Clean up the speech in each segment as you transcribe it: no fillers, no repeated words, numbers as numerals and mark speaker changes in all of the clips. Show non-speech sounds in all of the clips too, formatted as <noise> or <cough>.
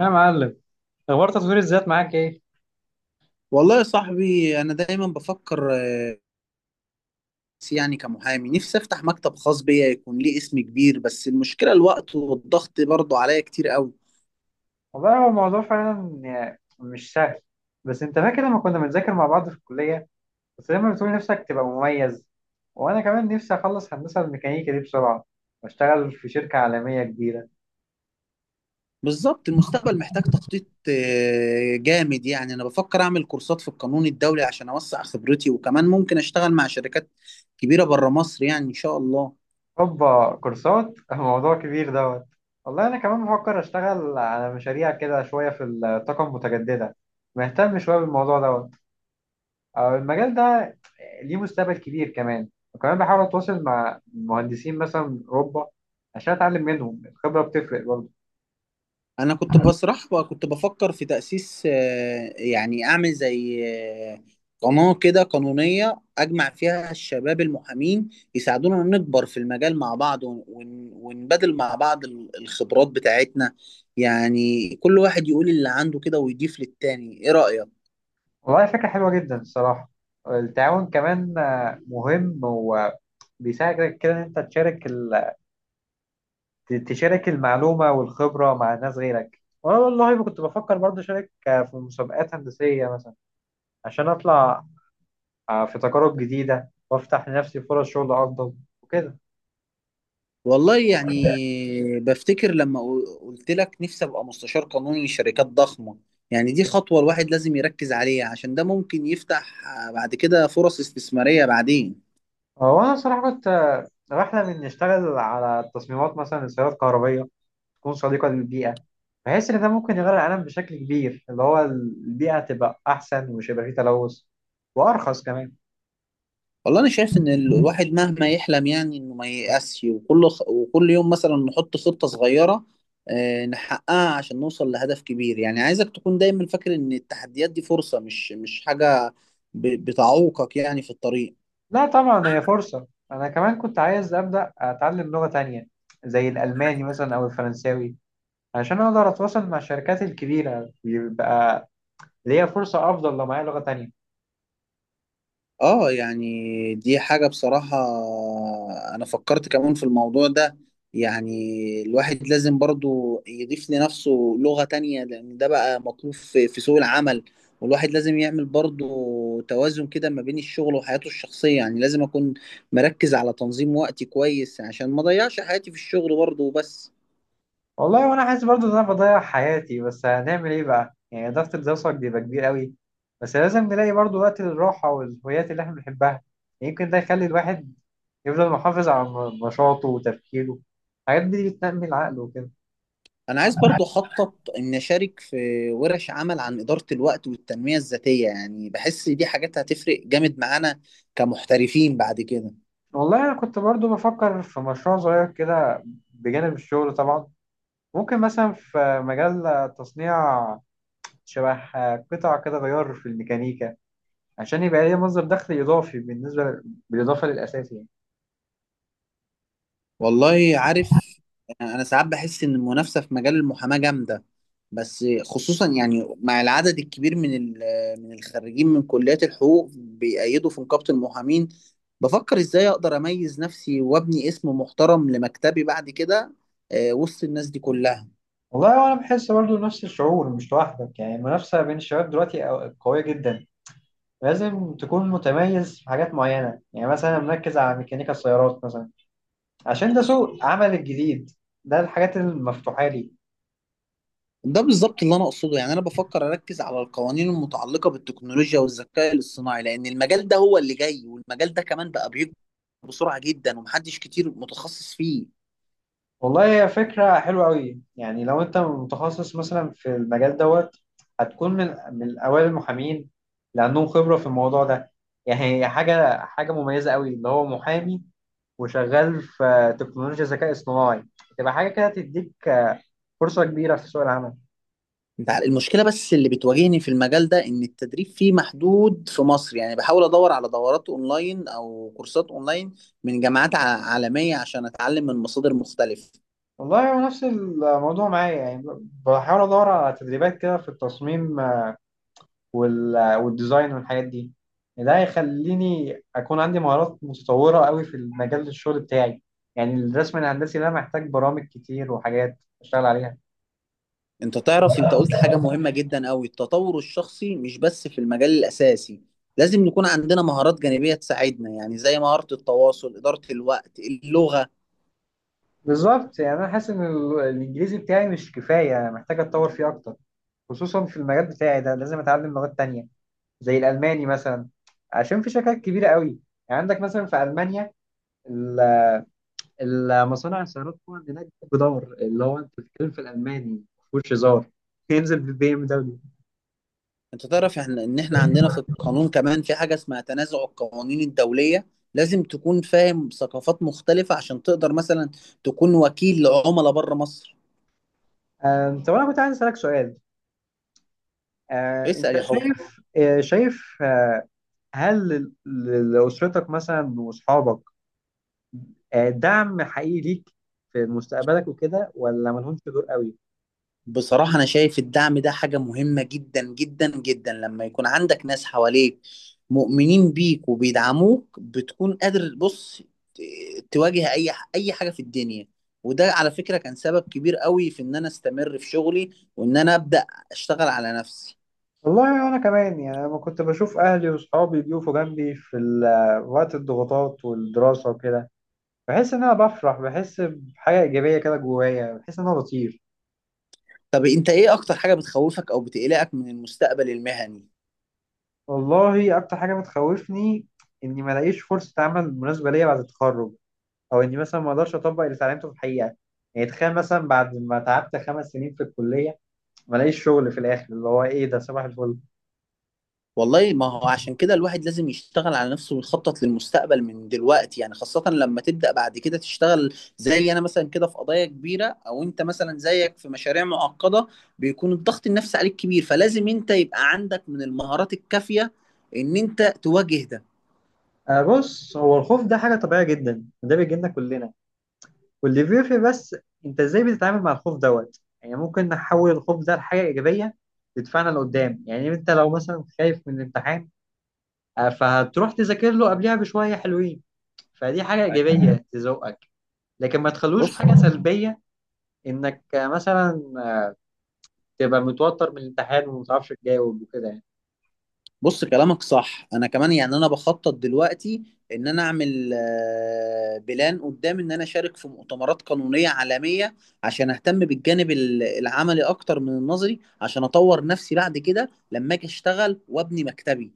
Speaker 1: يا معلم، اخبار تطوير الذات معاك ايه؟
Speaker 2: والله يا صاحبي انا دايما بفكر بس يعني كمحامي نفسي افتح مكتب خاص بيا يكون ليه اسم كبير، بس المشكله الوقت والضغط برضه عليا كتير قوي.
Speaker 1: والله هو الموضوع فعلا يعني مش سهل. بس انت فاكر لما كنا بنذاكر مع بعض في الكلية؟ بس دايما بتقول نفسك تبقى مميز. وانا كمان نفسي اخلص هندسة الميكانيكا دي بسرعة واشتغل في شركة عالمية كبيرة.
Speaker 2: بالظبط المستقبل محتاج تخطيط جامد، يعني انا بفكر اعمل كورسات في القانون الدولي عشان اوسع خبرتي، وكمان ممكن اشتغل مع شركات كبيره بره مصر، يعني ان شاء الله.
Speaker 1: هوبا كورسات <laughs> الموضوع كبير دوت. والله انا كمان بفكر اشتغل على مشاريع كده شوية في الطاقة المتجددة. مهتم شوية بالموضوع دوت. المجال ده ليه مستقبل كبير كمان. وكمان بحاول اتواصل مع مهندسين مثلا من اوروبا عشان اتعلم منهم. الخبره بتفرق برضه.
Speaker 2: انا كنت بسرح وكنت بفكر في تأسيس، يعني اعمل زي آه، قناة كده قانونية اجمع فيها الشباب المحامين يساعدونا نكبر في المجال مع بعض، ونبادل مع بعض الخبرات بتاعتنا. يعني كل واحد يقول اللي عنده كده ويضيف للتاني، ايه رأيك؟
Speaker 1: والله فكره حلوه جدا الصراحه. التعاون كمان مهم، وبيساعدك كده ان انت تشارك تشارك المعلومه والخبره مع ناس غيرك. وانا والله ما كنت بفكر برضه اشارك في مسابقات هندسيه مثلا عشان اطلع في تجارب جديده وافتح لنفسي فرص شغل افضل وكده.
Speaker 2: والله يعني بفتكر لما قلت لك نفسي ابقى مستشار قانوني لشركات ضخمة. يعني دي خطوة الواحد لازم يركز عليها، عشان ده ممكن يفتح بعد كده فرص استثمارية بعدين.
Speaker 1: هو أنا صراحة كنت بحلم إني أشتغل على تصميمات مثلا لسيارات كهربية تكون صديقة للبيئة. بحس إن ده ممكن يغير العالم بشكل كبير، اللي هو البيئة تبقى أحسن ومش هيبقى فيه تلوث، وأرخص كمان.
Speaker 2: والله انا شايف ان الواحد مهما يحلم يعني انه ما ييأسش، وكل يوم مثلا نحط خطة صغيرة نحققها عشان نوصل لهدف كبير. يعني عايزك تكون دايما فاكر ان التحديات دي فرصة، مش حاجة بتعوقك يعني في الطريق.
Speaker 1: لا طبعا هي فرصة. أنا كمان كنت عايز أبدأ أتعلم لغة تانية زي الألماني مثلا أو الفرنساوي عشان أقدر أتواصل مع الشركات الكبيرة. يبقى ليا فرصة أفضل لو معايا لغة تانية.
Speaker 2: اه يعني دي حاجة بصراحة انا فكرت كمان في الموضوع ده. يعني الواحد لازم برضو يضيف لنفسه لغة تانية، لان ده بقى مطلوب في سوق العمل. والواحد لازم يعمل برضو توازن كده ما بين الشغل وحياته الشخصية. يعني لازم اكون مركز على تنظيم وقتي كويس عشان ما اضيعش حياتي في الشغل برضو بس.
Speaker 1: والله وانا حاسس برضه ان انا بضيع حياتي، بس هنعمل ايه بقى؟ يعني ضغط الدراسه بيبقى كبير قوي، بس لازم نلاقي برضه وقت للراحه والهوايات اللي احنا بنحبها. يمكن ده يخلي الواحد يفضل محافظ على نشاطه وتفكيره. الحاجات دي بتنمي العقل وكده.
Speaker 2: انا عايز برضو اخطط ان اشارك في ورش عمل عن ادارة الوقت والتنمية الذاتية، يعني بحس دي حاجات هتفرق جامد معانا كمحترفين بعد كده.
Speaker 1: والله انا كنت برضه بفكر في مشروع صغير كده بجانب الشغل طبعا. ممكن مثلا في مجال تصنيع شبه قطع كده غيار في الميكانيكا عشان يبقى ليه مصدر دخل اضافي بالنسبه بالاضافه للاساسي يعني.
Speaker 2: والله عارف، انا ساعات بحس ان المنافسة في مجال المحاماة جامدة بس، خصوصا يعني مع العدد الكبير من من الخريجين من كليات الحقوق بيأيدوا في نقابة المحامين. بفكر ازاي اقدر اميز نفسي وابني اسم محترم لمكتبي بعد كده، وسط الناس دي كلها.
Speaker 1: والله وانا بحس برضو نفس الشعور، مش لوحدك يعني. المنافسه بين الشباب دلوقتي قويه جدا. لازم تكون متميز في حاجات معينه، يعني مثلا مركز على ميكانيكا السيارات مثلا عشان ده سوق عمل الجديد، ده الحاجات المفتوحه لي.
Speaker 2: ده بالظبط اللي انا اقصده. يعني انا بفكر اركز على القوانين المتعلقه بالتكنولوجيا والذكاء الاصطناعي، لان المجال ده هو اللي جاي، والمجال ده كمان بقى بيكبر بسرعه جدا ومحدش كتير متخصص فيه.
Speaker 1: والله هي فكره حلوه قوي. يعني لو انت متخصص مثلا في المجال دوت هتكون من اوائل المحامين لانهم خبره في الموضوع ده. يعني هي حاجه مميزه قوي، اللي هو محامي وشغال في تكنولوجيا ذكاء اصطناعي، تبقى حاجه كده تديك فرصة كبيرة في سوق العمل.
Speaker 2: المشكله بس اللي بتواجهني في المجال ده ان التدريب فيه محدود في مصر. يعني بحاول ادور على دورات اونلاين او كورسات اونلاين من جامعات عالميه عشان اتعلم من مصادر مختلفه.
Speaker 1: والله هو نفس الموضوع معايا يعني. بحاول أدور على تدريبات كده في التصميم والديزاين والحاجات دي. ده هيخليني أكون عندي مهارات متطورة قوي في مجال الشغل بتاعي. يعني الرسم الهندسي ده محتاج برامج كتير وحاجات أشتغل عليها.
Speaker 2: انت تعرف، انت قلت حاجة مهمة جدا قوي التطور الشخصي مش بس في المجال الأساسي لازم يكون عندنا مهارات جانبية تساعدنا يعني زي مهارة التواصل إدارة الوقت اللغة
Speaker 1: بالظبط، يعني أنا حاسس إن الإنجليزي بتاعي مش كفاية. أنا محتاج أتطور فيه أكتر، خصوصا في المجال بتاعي ده. لازم أتعلم لغات تانية زي الألماني مثلا، عشان في شركات كبيرة قوي، يعني عندك مثلا في ألمانيا المصانع السيارات طبعا هناك جدار، اللي هو انت بتتكلم في الالماني مفهوش هزار، ينزل بالبي ام دبليو.
Speaker 2: انت تعرف احنا ان احنا عندنا في القانون كمان في حاجة اسمها تنازع القوانين الدولية، لازم تكون فاهم ثقافات مختلفة عشان تقدر مثلا تكون وكيل لعملاء بره مصر.
Speaker 1: طب انا كنت عايز اسالك سؤال. آه،
Speaker 2: اسأل
Speaker 1: انت
Speaker 2: يا حب.
Speaker 1: شايف، هل لاسرتك مثلا واصحابك دعم حقيقي ليك في مستقبلك وكده، ولا مالهمش دور قوي؟
Speaker 2: بصراحة أنا شايف الدعم ده حاجة مهمة جدا جدا جدا. لما يكون عندك ناس حواليك مؤمنين بيك وبيدعموك بتكون قادر بص ت- تواجه أي أي حاجة في الدنيا. وده على فكرة كان سبب كبير قوي في إن أنا أستمر في شغلي، وإن أنا أبدأ أشتغل على نفسي.
Speaker 1: والله انا كمان يعني لما كنت بشوف اهلي واصحابي بيقفوا جنبي في وقت الضغوطات والدراسه وكده، بحس ان انا بفرح، بحس بحاجه ايجابيه كده جوايا، بحس ان انا بطير.
Speaker 2: طب أنت إيه أكتر حاجة بتخوفك أو بتقلقك من المستقبل المهني؟
Speaker 1: والله اكتر حاجه بتخوفني اني ما الاقيش فرصه عمل مناسبه ليا بعد التخرج، او اني مثلا ما اقدرش اطبق اللي اتعلمته في الحقيقه. يعني تخيل مثلا بعد ما تعبت 5 سنين في الكليه ما الاقيش شغل في الاخر، اللي هو ايه ده؟ صباح الفل.
Speaker 2: والله ما هو عشان كده الواحد لازم يشتغل على نفسه ويخطط للمستقبل من دلوقتي. يعني خاصة لما تبدأ بعد كده تشتغل زي أنا مثلا كده في قضايا كبيرة، أو أنت مثلا زيك في مشاريع معقدة، بيكون الضغط النفسي عليك كبير، فلازم أنت يبقى عندك من المهارات الكافية إن أنت تواجه ده.
Speaker 1: آه، بص هو الخوف ده حاجه طبيعيه جدا وده بيجي لنا كلنا. واللي بيفرق بس انت ازاي بتتعامل مع الخوف دوت. يعني ممكن نحول الخوف ده لحاجه ايجابيه تدفعنا لقدام. يعني انت لو مثلا خايف من الامتحان، فهتروح تذاكر له قبلها بشويه حلوين، فدي حاجه
Speaker 2: أيوة.
Speaker 1: ايجابيه <laughs> تزوقك. لكن ما تخلوش
Speaker 2: بص.
Speaker 1: حاجه سلبيه انك مثلا تبقى متوتر من الامتحان وما تعرفش تجاوب وكده يعني.
Speaker 2: كلامك صح. انا كمان يعني انا بخطط دلوقتي ان انا اعمل بلان قدام، ان انا اشارك في مؤتمرات قانونية عالمية عشان اهتم بالجانب العملي اكتر من النظري، عشان اطور نفسي بعد كده لما اجي اشتغل وابني مكتبي.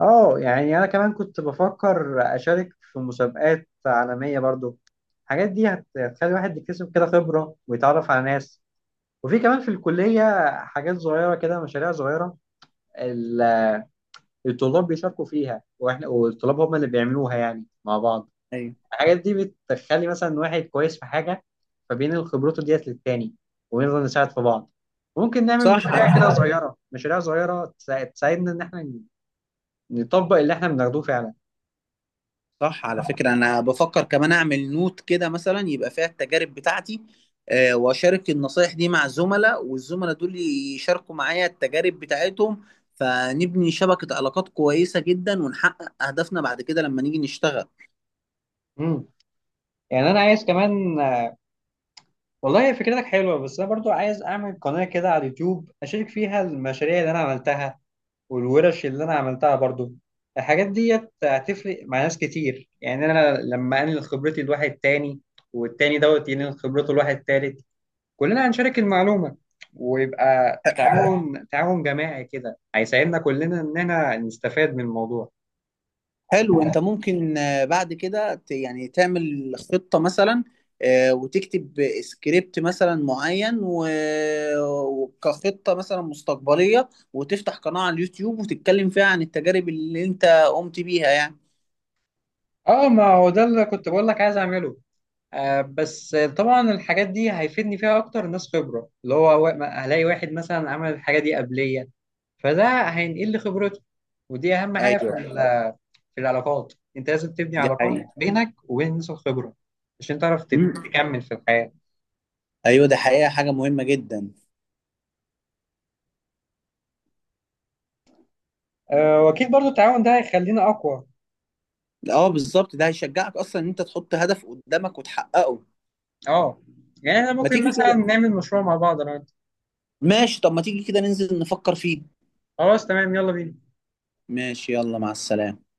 Speaker 1: اه، يعني انا كمان كنت بفكر اشارك في مسابقات عالميه برضو. الحاجات دي هتخلي الواحد يكتسب كده خبره ويتعرف على ناس. وفي كمان في الكليه حاجات صغيره كده، مشاريع صغيره ال- الطلاب بيشاركوا فيها، واحنا والطلاب هم اللي بيعملوها يعني مع بعض.
Speaker 2: ايوه.
Speaker 1: الحاجات دي بتخلي مثلا واحد كويس في حاجة فبينقل خبرته ديت للتاني، ونفضل نساعد في بعض. ممكن نعمل
Speaker 2: صح على
Speaker 1: مشاريع
Speaker 2: فكرة
Speaker 1: كده صغيرة، مشاريع صغيرة تساعدنا إن إحنا نطبق اللي إحنا بناخدوه فعلا.
Speaker 2: صح على فكرة، أنا بفكر كمان أعمل نوت كده مثلا يبقى فيها التجارب بتاعتي وأشارك النصايح دي مع الزملاء، والزملاء دول يشاركوا معايا التجارب بتاعتهم، فنبني شبكة علاقات كويسة جدا، ونحقق أهدافنا بعد كده لما نيجي نشتغل.
Speaker 1: امم يعني أنا عايز كمان. والله هي فكرتك حلوة، بس أنا برضو عايز أعمل قناة كده على اليوتيوب أشارك فيها المشاريع اللي أنا عملتها والورش اللي أنا عملتها برضو. الحاجات ديت هتفرق مع ناس كتير. يعني أنا لما أنقل خبرتي لواحد تاني والتاني دوت ينقل خبرته لواحد تالت، كلنا هنشارك المعلومة ويبقى تعاون <laughs> تعاون جماعي كده هيساعدنا كلنا إننا نستفاد من الموضوع.
Speaker 2: حلو. انت ممكن بعد كده يعني تعمل خطة مثلا وتكتب سكريبت مثلا معين، وكخطة مثلا مستقبلية، وتفتح قناة على اليوتيوب وتتكلم فيها عن التجارب اللي انت قمت بيها يعني.
Speaker 1: اه، ما هو ده اللي كنت بقول لك عايز اعمله. آه بس طبعا الحاجات دي هيفيدني فيها اكتر ناس خبرة، اللي هو هلاقي واحد مثلا عمل الحاجة دي قبلية، فده هينقل لي خبرته. ودي اهم حاجة
Speaker 2: ايوه
Speaker 1: في العلاقات. انت لازم تبني
Speaker 2: دي
Speaker 1: علاقات
Speaker 2: حقيقة.
Speaker 1: بينك وبين الناس الخبرة عشان تعرف
Speaker 2: مم.
Speaker 1: تكمل في الحياة.
Speaker 2: ايوه ده حقيقة حاجة مهمة جدا.
Speaker 1: واكيد برضو التعاون ده هيخلينا اقوى.
Speaker 2: اه بالظبط، ده هيشجعك اصلا ان انت تحط هدف قدامك وتحققه.
Speaker 1: اه، يعني احنا
Speaker 2: ما
Speaker 1: ممكن
Speaker 2: تيجي
Speaker 1: مثلا
Speaker 2: كده.
Speaker 1: نعمل مشروع مع بعض انا وانت.
Speaker 2: ماشي، طب ما تيجي كده ننزل نفكر فيه.
Speaker 1: خلاص تمام، يلا بينا.
Speaker 2: ماشي، يلا مع السلامة.